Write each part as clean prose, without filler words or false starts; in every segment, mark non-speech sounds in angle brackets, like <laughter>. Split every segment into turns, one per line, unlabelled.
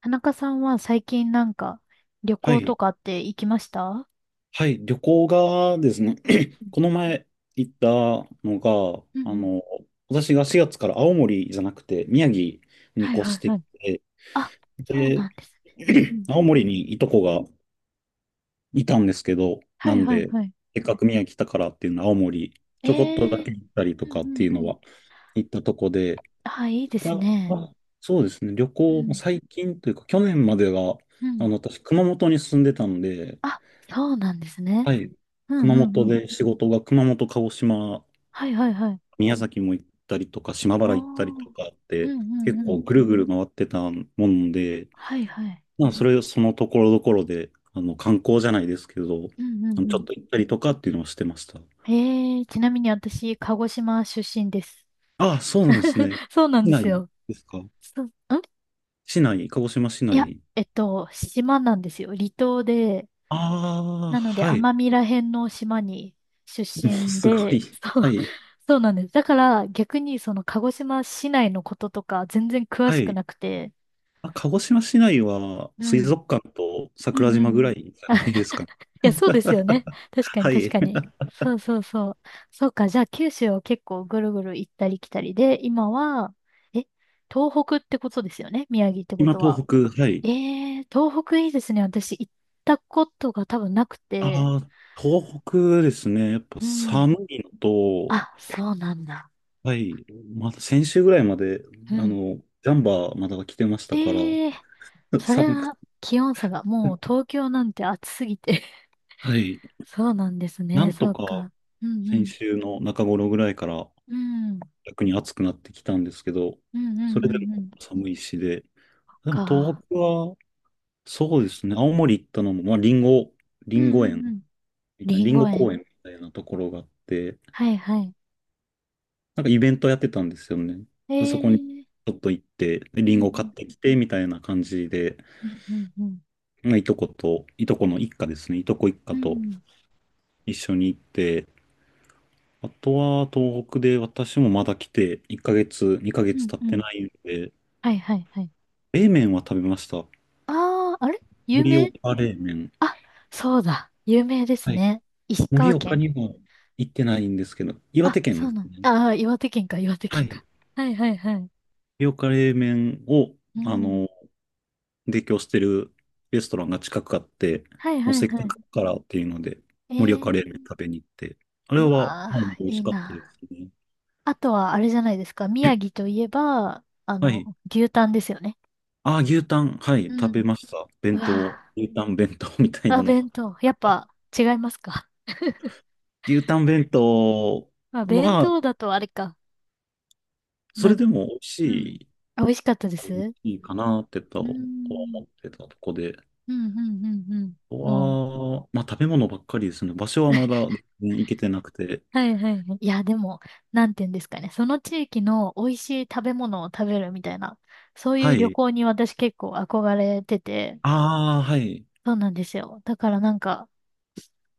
田中さんは最近なんか旅
は
行と
い、
かって行きました？
はい、旅行がですね、
う
<clears throat>
ん
この前行ったのが、
うんうん。
私が4月から青森じゃなくて宮城に
はい
越
はい
して
は
き
い。
て、
あ、そう
で、
なんですね。うんう
<clears throat>
ん。
青森にいとこがいたんですけど、
は
な
い
ん
はい
で、
はい。
せっかく宮城来たからっていうのは青森、ちょこっと
え
だけ
え、
行ったりと
うん
かっていう
うんう
の
ん。
は行ったとこで、
あ、いいです
ここ
ね。
はそうですね、旅
う
行も
ん
最近というか、去年までは、
うん、
私、熊本に住んでたんで、
あ、そうなんですね。
はい。
うん
熊
うん
本
うん。
で仕事が熊本、鹿児島、
はいはいはい。
宮崎も行ったりとか、島
お
原行ったり
ー、
とかあっ
うん
て、結
うんう
構
ん。
ぐるぐる回ってたもんで、
はいはい。
まあ、そのところどころで、観光じゃないですけど、
うんうんう
ちょ
ん。
っと行ったりとかっていうのをしてました。
ええ、ちなみに私、鹿児島出身です。
ああ、そうなんです
<laughs>
ね。
そうなん
市
で
内
すよ。
ですか
そう、ん、
市内、鹿児島市
いや、
内。
島なんですよ。離島で、
ああ、
なので、
はい。
奄美ら辺の島に出
もう
身
すご
で、
い。
<laughs> そ
は
う、
い。
そうなんです。だから、逆にその鹿児島市内のこととか全然詳
は
しく
い。
なくて、
あ、鹿児島市内は
う
水
ん。
族館と
うんう
桜島ぐ
んうん。
らいじ
あ
ゃ
<laughs> い
ないですかね。
や、そうですよね。確かに
は
確
い。
かに。そうそうそう。そうか、じゃあ九州を結構ぐるぐる行ったり来たりで、今は、え、東北ってことですよね。宮城ってこ
今、
と
東
は。
北、はい。
えー、東北いいですね。私行ったことが多分なくて。
ああ、東北ですね。やっぱ
うん。
寒いのと、
あ、そうなんだ。
はい。まだ先週ぐらいまで、
う
あ
ん。
の、ジャンバーまだ着てましたから、
ええー、
<laughs>
それ
寒く、
は気温差が、もう東京なんて暑すぎて
はい。
<laughs> そうなんです
な
ね、
ん
そ
と
う
か
か。うんう
先
ん。
週の中頃ぐらいから
うん。うん
逆に暑くなってきたんですけど、
うんうん
それで
う
も
ん。
寒いしで。でも
か。
東北は、そうですね。青森行ったのも、まあ、
う
リ
ん
ンゴ
うんう
園
ん。
みたいな、
りん
リン
ご
ゴ
園。
公園みたいなところがあって、
はいはい。
なんかイベントやってたんですよね。
ええ
そこにち
ー。
ょっと行って、
うん
リ
う
ンゴ買っ
ん。
てきて、みたいな感じで、
うんうんうん。
まあ、いとこの一家ですね。いとこ一
う
家と
ん。
一緒に行って、あとは東北で私もまだ来て、1ヶ月、2ヶ
う
月
ん
経っ
う
て
ん。
ないんで、
はいはいはい。
冷麺は食べました。
ああ、あれ有
盛
名？
岡冷麺。
あ、そうだ。有名です
はい。
ね。石
盛
川
岡
県。
にも行ってないんですけど、岩
あ、
手県
そ
で
う
す
なん。
ね。
ああ、岩手県か、岩手
は
県
い。
か。はいはいはい。
盛岡冷麺を、
う
あ
ん。
の提供してるレストランが近くあって、
はい
も
は
う
い
せっか
はい。
くだからっていうので、
え
盛岡冷麺
ー、
食べに行って、あれ
う
は、
わ
まあ、
ー、
美味
い
し
い
かったで
な。
すね。
あとは、あれじゃないですか。宮城といえば、
はい。
牛タンですよね。
ああ、牛タン、はい、
う
食べ
ん。
ました。
う
弁当、
わ
牛タン弁当 <laughs> みたい
ー、あ、
なの。
弁当。やっ
あ
ぱ、違いますか？<laughs>
牛タン弁当、
まあ、弁
ま
当
あ、
だとあれか。
そ
な
れ
ん、
でも美味
うん。
し
あ、美味しかったです。
い、
う
いいかなってとは
ー
思
ん。
ってたとこで、
うん、うん、うん、うん。も
わあ、まあ食べ物ばっかりですね。場所は
う。
まだ
<laughs>
全然行けてなくて。
はいはいはい。いや、でも、なんて言うんですかね。その地域の美味しい食べ物を食べるみたいな、そうい
は
う旅
い。
行に私結構憧れてて、
ああ、はい。
そうなんですよ。だからなんか、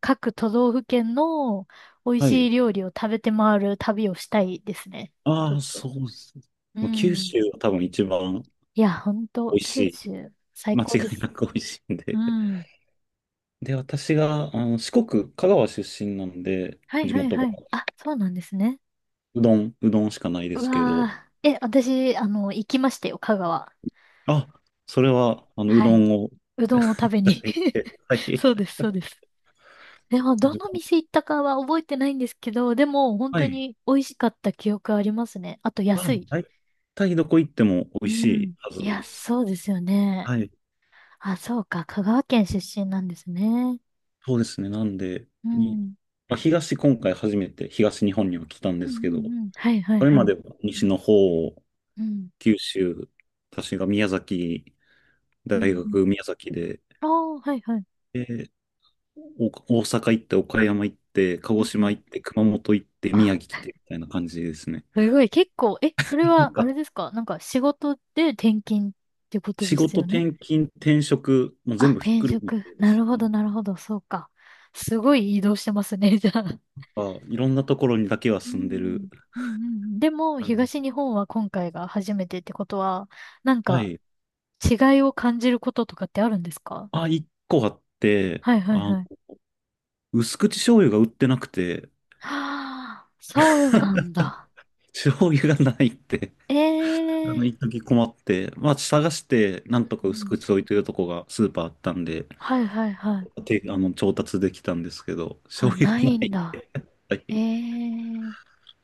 各都道府県の美味
は
しい
い。
料理を食べて回る旅をしたいですね。ちょ
あ
っ
あ、そ
と。
うです。
う
もう九
ん。
州は多分一番
いや、ほん
美
と、
味し
九
い。
州、
<laughs>
最
間違
高で
い
す。
なく美味しいん
う
で。<laughs>
ん。
で、私が、四国、香川出身なんで、
はい
地
はい
元が、
はい。あ、そうなんですね。
うどんしかないで
う
すけど、
わー。え、私、行きましたよ、香川。
あ、それは、う
は
ど
い。
んを
うどんを
<laughs>
食
い
べ
ただ
に。
いて、
<laughs>
<laughs> はい。
そうです、そうです。でも、
う
ど
ど
の
ん
店行ったかは覚えてないんですけど、でも、本
は
当
い。
に美味しかった記憶ありますね。あと、
あ、
安
もう
い。
大体どこ行っても美
う
味しい
ん。
はず
いや、
です。
そうですよね。
はい。
あ、そうか。香川県出身なんですね。
そうですね。なんで、
うん。うん
まあ、今回初めて東日本には来たんで
う
す
ん
けど、
うん。はいはい
それ
は
ま
い。
では西の方
うん。
九州、私が宮崎、
うん
大
うん。
学宮崎で、
ああ、はいはい。
で、お大阪行って、岡山行って、鹿
う
児
んう
島
ん。
行って、熊本行って、宮
あ、
城来て、みたいな感じですね。
すごい。結構、え、それ
<laughs> なん
は、あれ
か、
ですか、なんか仕事で転勤ってこと
仕
です
事
よね。
転勤、転職、もう全
あ、
部ひっ
転
くるめ
職。
てで
な
す
るほ
ね。
どなるほど。そうか。すごい移動してますね、じゃあ。
あ、いろんなところにだけは
う
住んで
ん、
る
うん、うん。でも、
感じ。
東日本は今回が初めてってことは、なん
は
か、
い。
違いを感じることとかってあるんですか？
あ、一個あって、
はいはい
あ、
はい。<gasps>
薄口醤油が売ってなくて、
はあ、そうなんだ。
<laughs> 醤油がないって
ええ、
一時困って、まあ、探して、な
う
ん
ん
と
う
か薄
ん、
口置いてるとこがスーパーあったんで、
はいはいはい。
て、調達できたんですけど、<laughs>
あ、
醤油が
ない
な
ん
いん
だ。
で。<laughs> は
え
い。
え、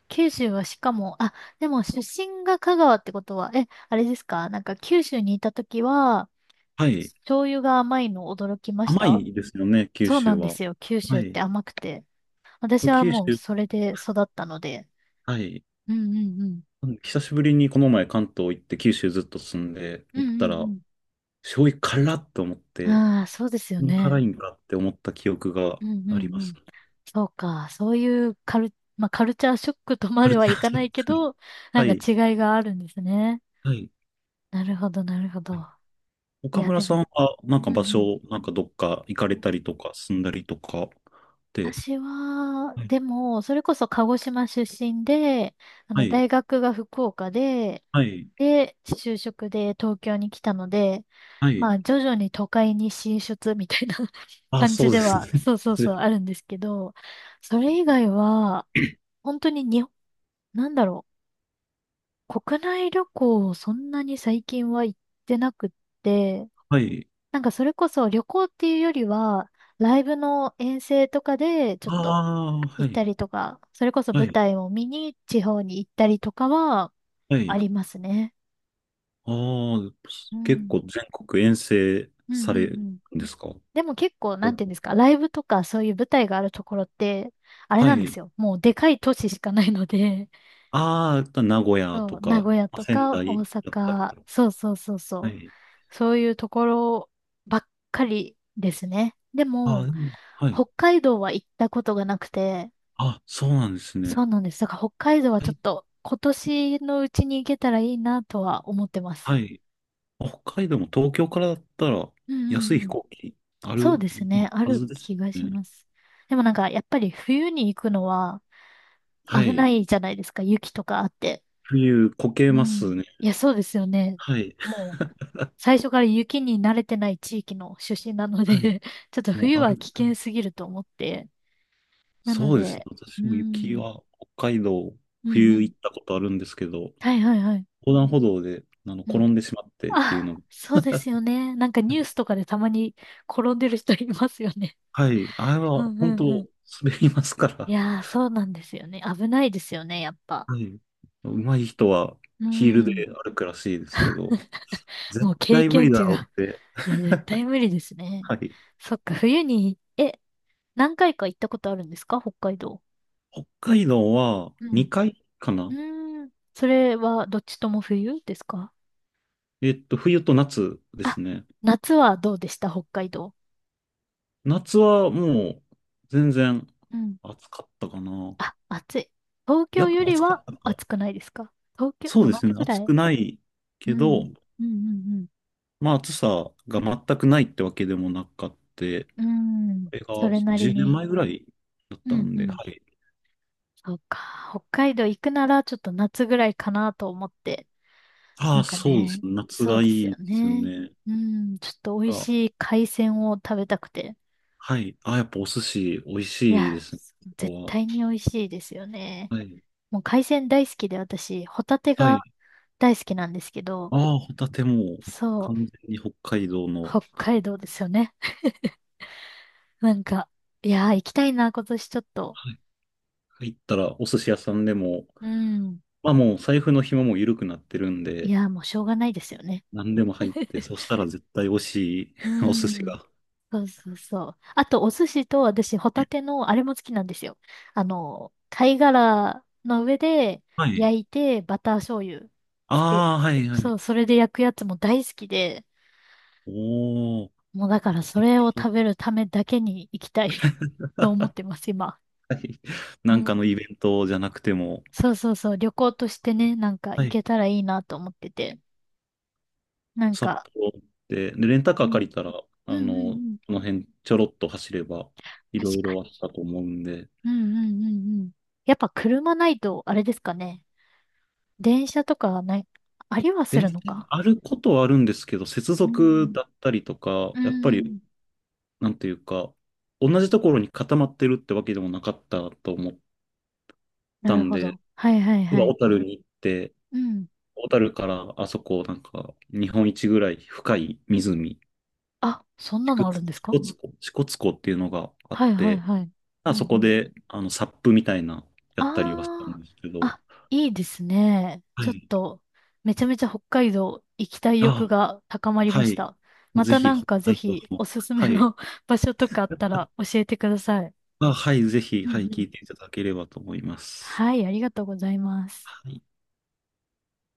九州はしかも、あ、でも出身が香川ってことは、え、あれですか、なんか九州にいた時は、
はい。
醤油が甘いの驚きまし
甘
た？
いですよね、九
そうな
州
んで
は。
すよ。九州
は
って
い。
甘くて。私は
九州、
もうそれで育ったので。
はい。
うんうんうん。
久しぶりにこの前関東行って九州ずっと住んで
う
行
ん
った
う
ら、
ん
醤油辛っと思っ
うん。
て、
ああ、そうですよ
こんな辛
ね。
いんかって思った記憶が
うんう
あり
ん
ま
う
す。
ん。そうか。そういうカル、まあ、カルチャーショックとま
あれ、
で
違
はいかないけ
う。
ど、な
は
んか
い。
違いがあるんですね。
はい。
なるほど、なるほど。い
岡
や、
村
で
さん
も。
は、なんか
うん
場
うん。
所、なんかどっか行か
う
れた
ん、
りとか、住んだりとかって、
私は、
はい
でも、それこそ鹿児島出身で、
はい、
大学が福岡で、
はい、
で、就職で東京に来たので、
は
ま
い。
あ、徐々に都会に進出みたいな <laughs>
あ、
感
そ
じ
う
で
ですね。
は、そう
<laughs>
そうそう、あるんですけど、それ以外は、本当に日本、なんだろう、国内旅行をそんなに最近は行ってなくって、
はい。
なんかそれこそ旅行っていうよりは、ライブの遠征とかでちょっ
あ
と
あ、は
行っ
い、
たりとか、それこそ
は
舞
い、
台を見に地方に行ったりとかは
は
あ
い。
りますね。
ああ、
う
結構
ん。
全国遠征
うんうん
さ
う
れる
ん、
んですか
でも結構、な
う
んて
ん
いうんですか、ライブとかそういう舞台があるところって、あれ
は
なんで
い。
すよ。もうでかい都市しかないので、
ああ、名古
<laughs>
屋
そ
と
う、名
か、
古屋
まあ
と
仙
か大
台だったりと
阪、
か。
そうそうそうそ
は
う、
い。
そういうところばっかりですね。で
ああ、
も、
でもはい。
北海道は行ったことがなくて、
あ、そうなんです
そ
ね。
うなんです。だから北海道は
は
ちょっ
い、
と今年のうちに行けたらいいなとは思ってま
は
す。
い。北海道も東京からだったら
うんうん
安
う
い飛
ん。
行機あ
そう
る
ですね。あ
は
る
ずです
気がし
ね。
ます。でもなんか、やっぱり冬に行くのは、
は
危な
い。
いじゃないですか、雪とかあって。
冬こけ
う
ま
ん。
すね。
いや、そうですよね。
はい。
もう、最初から雪に慣れてない地域の出身なの
はい。
で <laughs> ちょっと
も
冬
うあ
は
る。
危険すぎると思って。なの
そうですね。
で、う
私も雪
ん、
は北海道
うんう
冬
ん。
行ったことあるんですけど、
はいはいはい。
横断歩道で
う
転
ん。
んでしまってっていうの
あ、
が。
そうですよね。なんかニュースとかでたまに転んでる人いますよね。
はい。あれ
<laughs> う
は
んう
本
んう
当
ん。
滑りますか
い
ら。
やー、そうなんですよね。危ないですよね、やっぱ。
はい。上手い人は
う
ヒールで
ん。
歩くらしいですけど、
<laughs> も
絶
う経
対無
験
理だ
値
ろう
が、
って。
いや、絶対無理です
は
ね。
い。
そっか、冬に、え、何回か行ったことあるんですか、北海道？
北海道は
うん。
2回か
う
な
ーん。それはどっちとも冬ですか？
冬と夏です
あ、
ね。
夏はどうでした、北海道？
夏はもう全然
うん。
暑かったかな。
あ、暑い。東
や
京
っ
よ
ぱ
り
暑か
は
ったのか。
暑くないですか？東京、
そう
同
です
じ
ね。
ぐら
暑
い？
くない
う
けど、
ん。うんうん
まあ暑さが全くないってわけでもなかった。
うん。うー
こ
ん。
れが
それなり
10年
に。
前ぐらいだっ
う
た
ん
ん
う
で、は
ん。
い。
そうか。北海道行くならちょっと夏ぐらいかなと思って。
あ
な
あ、
んか
そうです
ね、
ね。夏
そう
がい
です
いで
よ
すよ
ね。
ね。
うん、ちょっと美味
が
しい海鮮を食べたくて。
はい。ああ、やっぱお寿司美味
い
しいで
や、
すね。
絶
ここ
対に美味しいですよね。
は。はい。
もう海鮮大好きで私、ホタテ
は
が
い。
大好きなんですけど、
ああ、ホタテも
そう、
完全に北海道の、
北海道ですよね。<laughs> なんか、いやー、行きたいな、今年ちょっと。
はい入ったらお寿司屋さんでも、
うん。
まあもう財布の紐も緩くなってるん
い
で、
やー、もうしょうがないですよね。
何でも入って、そし
<laughs>
たら絶対美味しい
う
<laughs> お寿司
ん。
が。
そうそうそう。あと、お寿司と私、ホタテの、あれも好きなんですよ。貝殻の上で
はい。
焼いて、バター醤油つけ、
ああ、はいは
そ
い。
う、それで焼くやつも大好きで、
おお、
もうだからそ
でき
れを
そう
食べるためだけに行きたい <laughs> と思ってます、今。う
なん
ん。
かのイベントじゃなくても、
そうそうそう、旅行としてね、なんか
は
行
い。
けたらいいなと思ってて。なん
札
か、
幌行って、で、レンタ
う
カー
ん。
借りたら、
うん
あ
うん
の、
うん。
この辺ちょろっと走れば、い
確
ろい
か
ろあっ
に。
たと思うんで、
うんうんうんうん。やっぱ車ないと、あれですかね。電車とかはない、ありはす
電
る
車
のか。
あることはあるんですけど、接
う
続
ん。
だったりとか、
う
やっぱり、
ん。
なんていうか、同じところに固まってるってわけでもなかったと思っ
な
た
る
ん
ほ
で、
ど。はいはい
た
は
だ
い。
小樽に行って、
うん。
小樽からあそこ、なんか、日本一ぐらい深い湖、
あ、そん
支
なのあるんですか？
笏支笏湖っていうのがあっ
はいはい
て、
はい。う
あ
んう
そこ
ん。
で、サップみたいな、やったりはしたん
ああ、
ですけど、
あ、いいですね。
は
ちょっ
い。
と、めちゃめちゃ北海道行きたい欲
あ、
が高まりま
は
し
い。
た。ま
ぜ
た
ひ、
なん
北
かぜ
海道
ひお
も、
すす
は
め
い。
の <laughs> 場所とかあったら教えてください。
あ、はい、ぜひ、
うんう
はい、聞
ん。
いていただければと思います。
はい、ありがとうございます。
はい。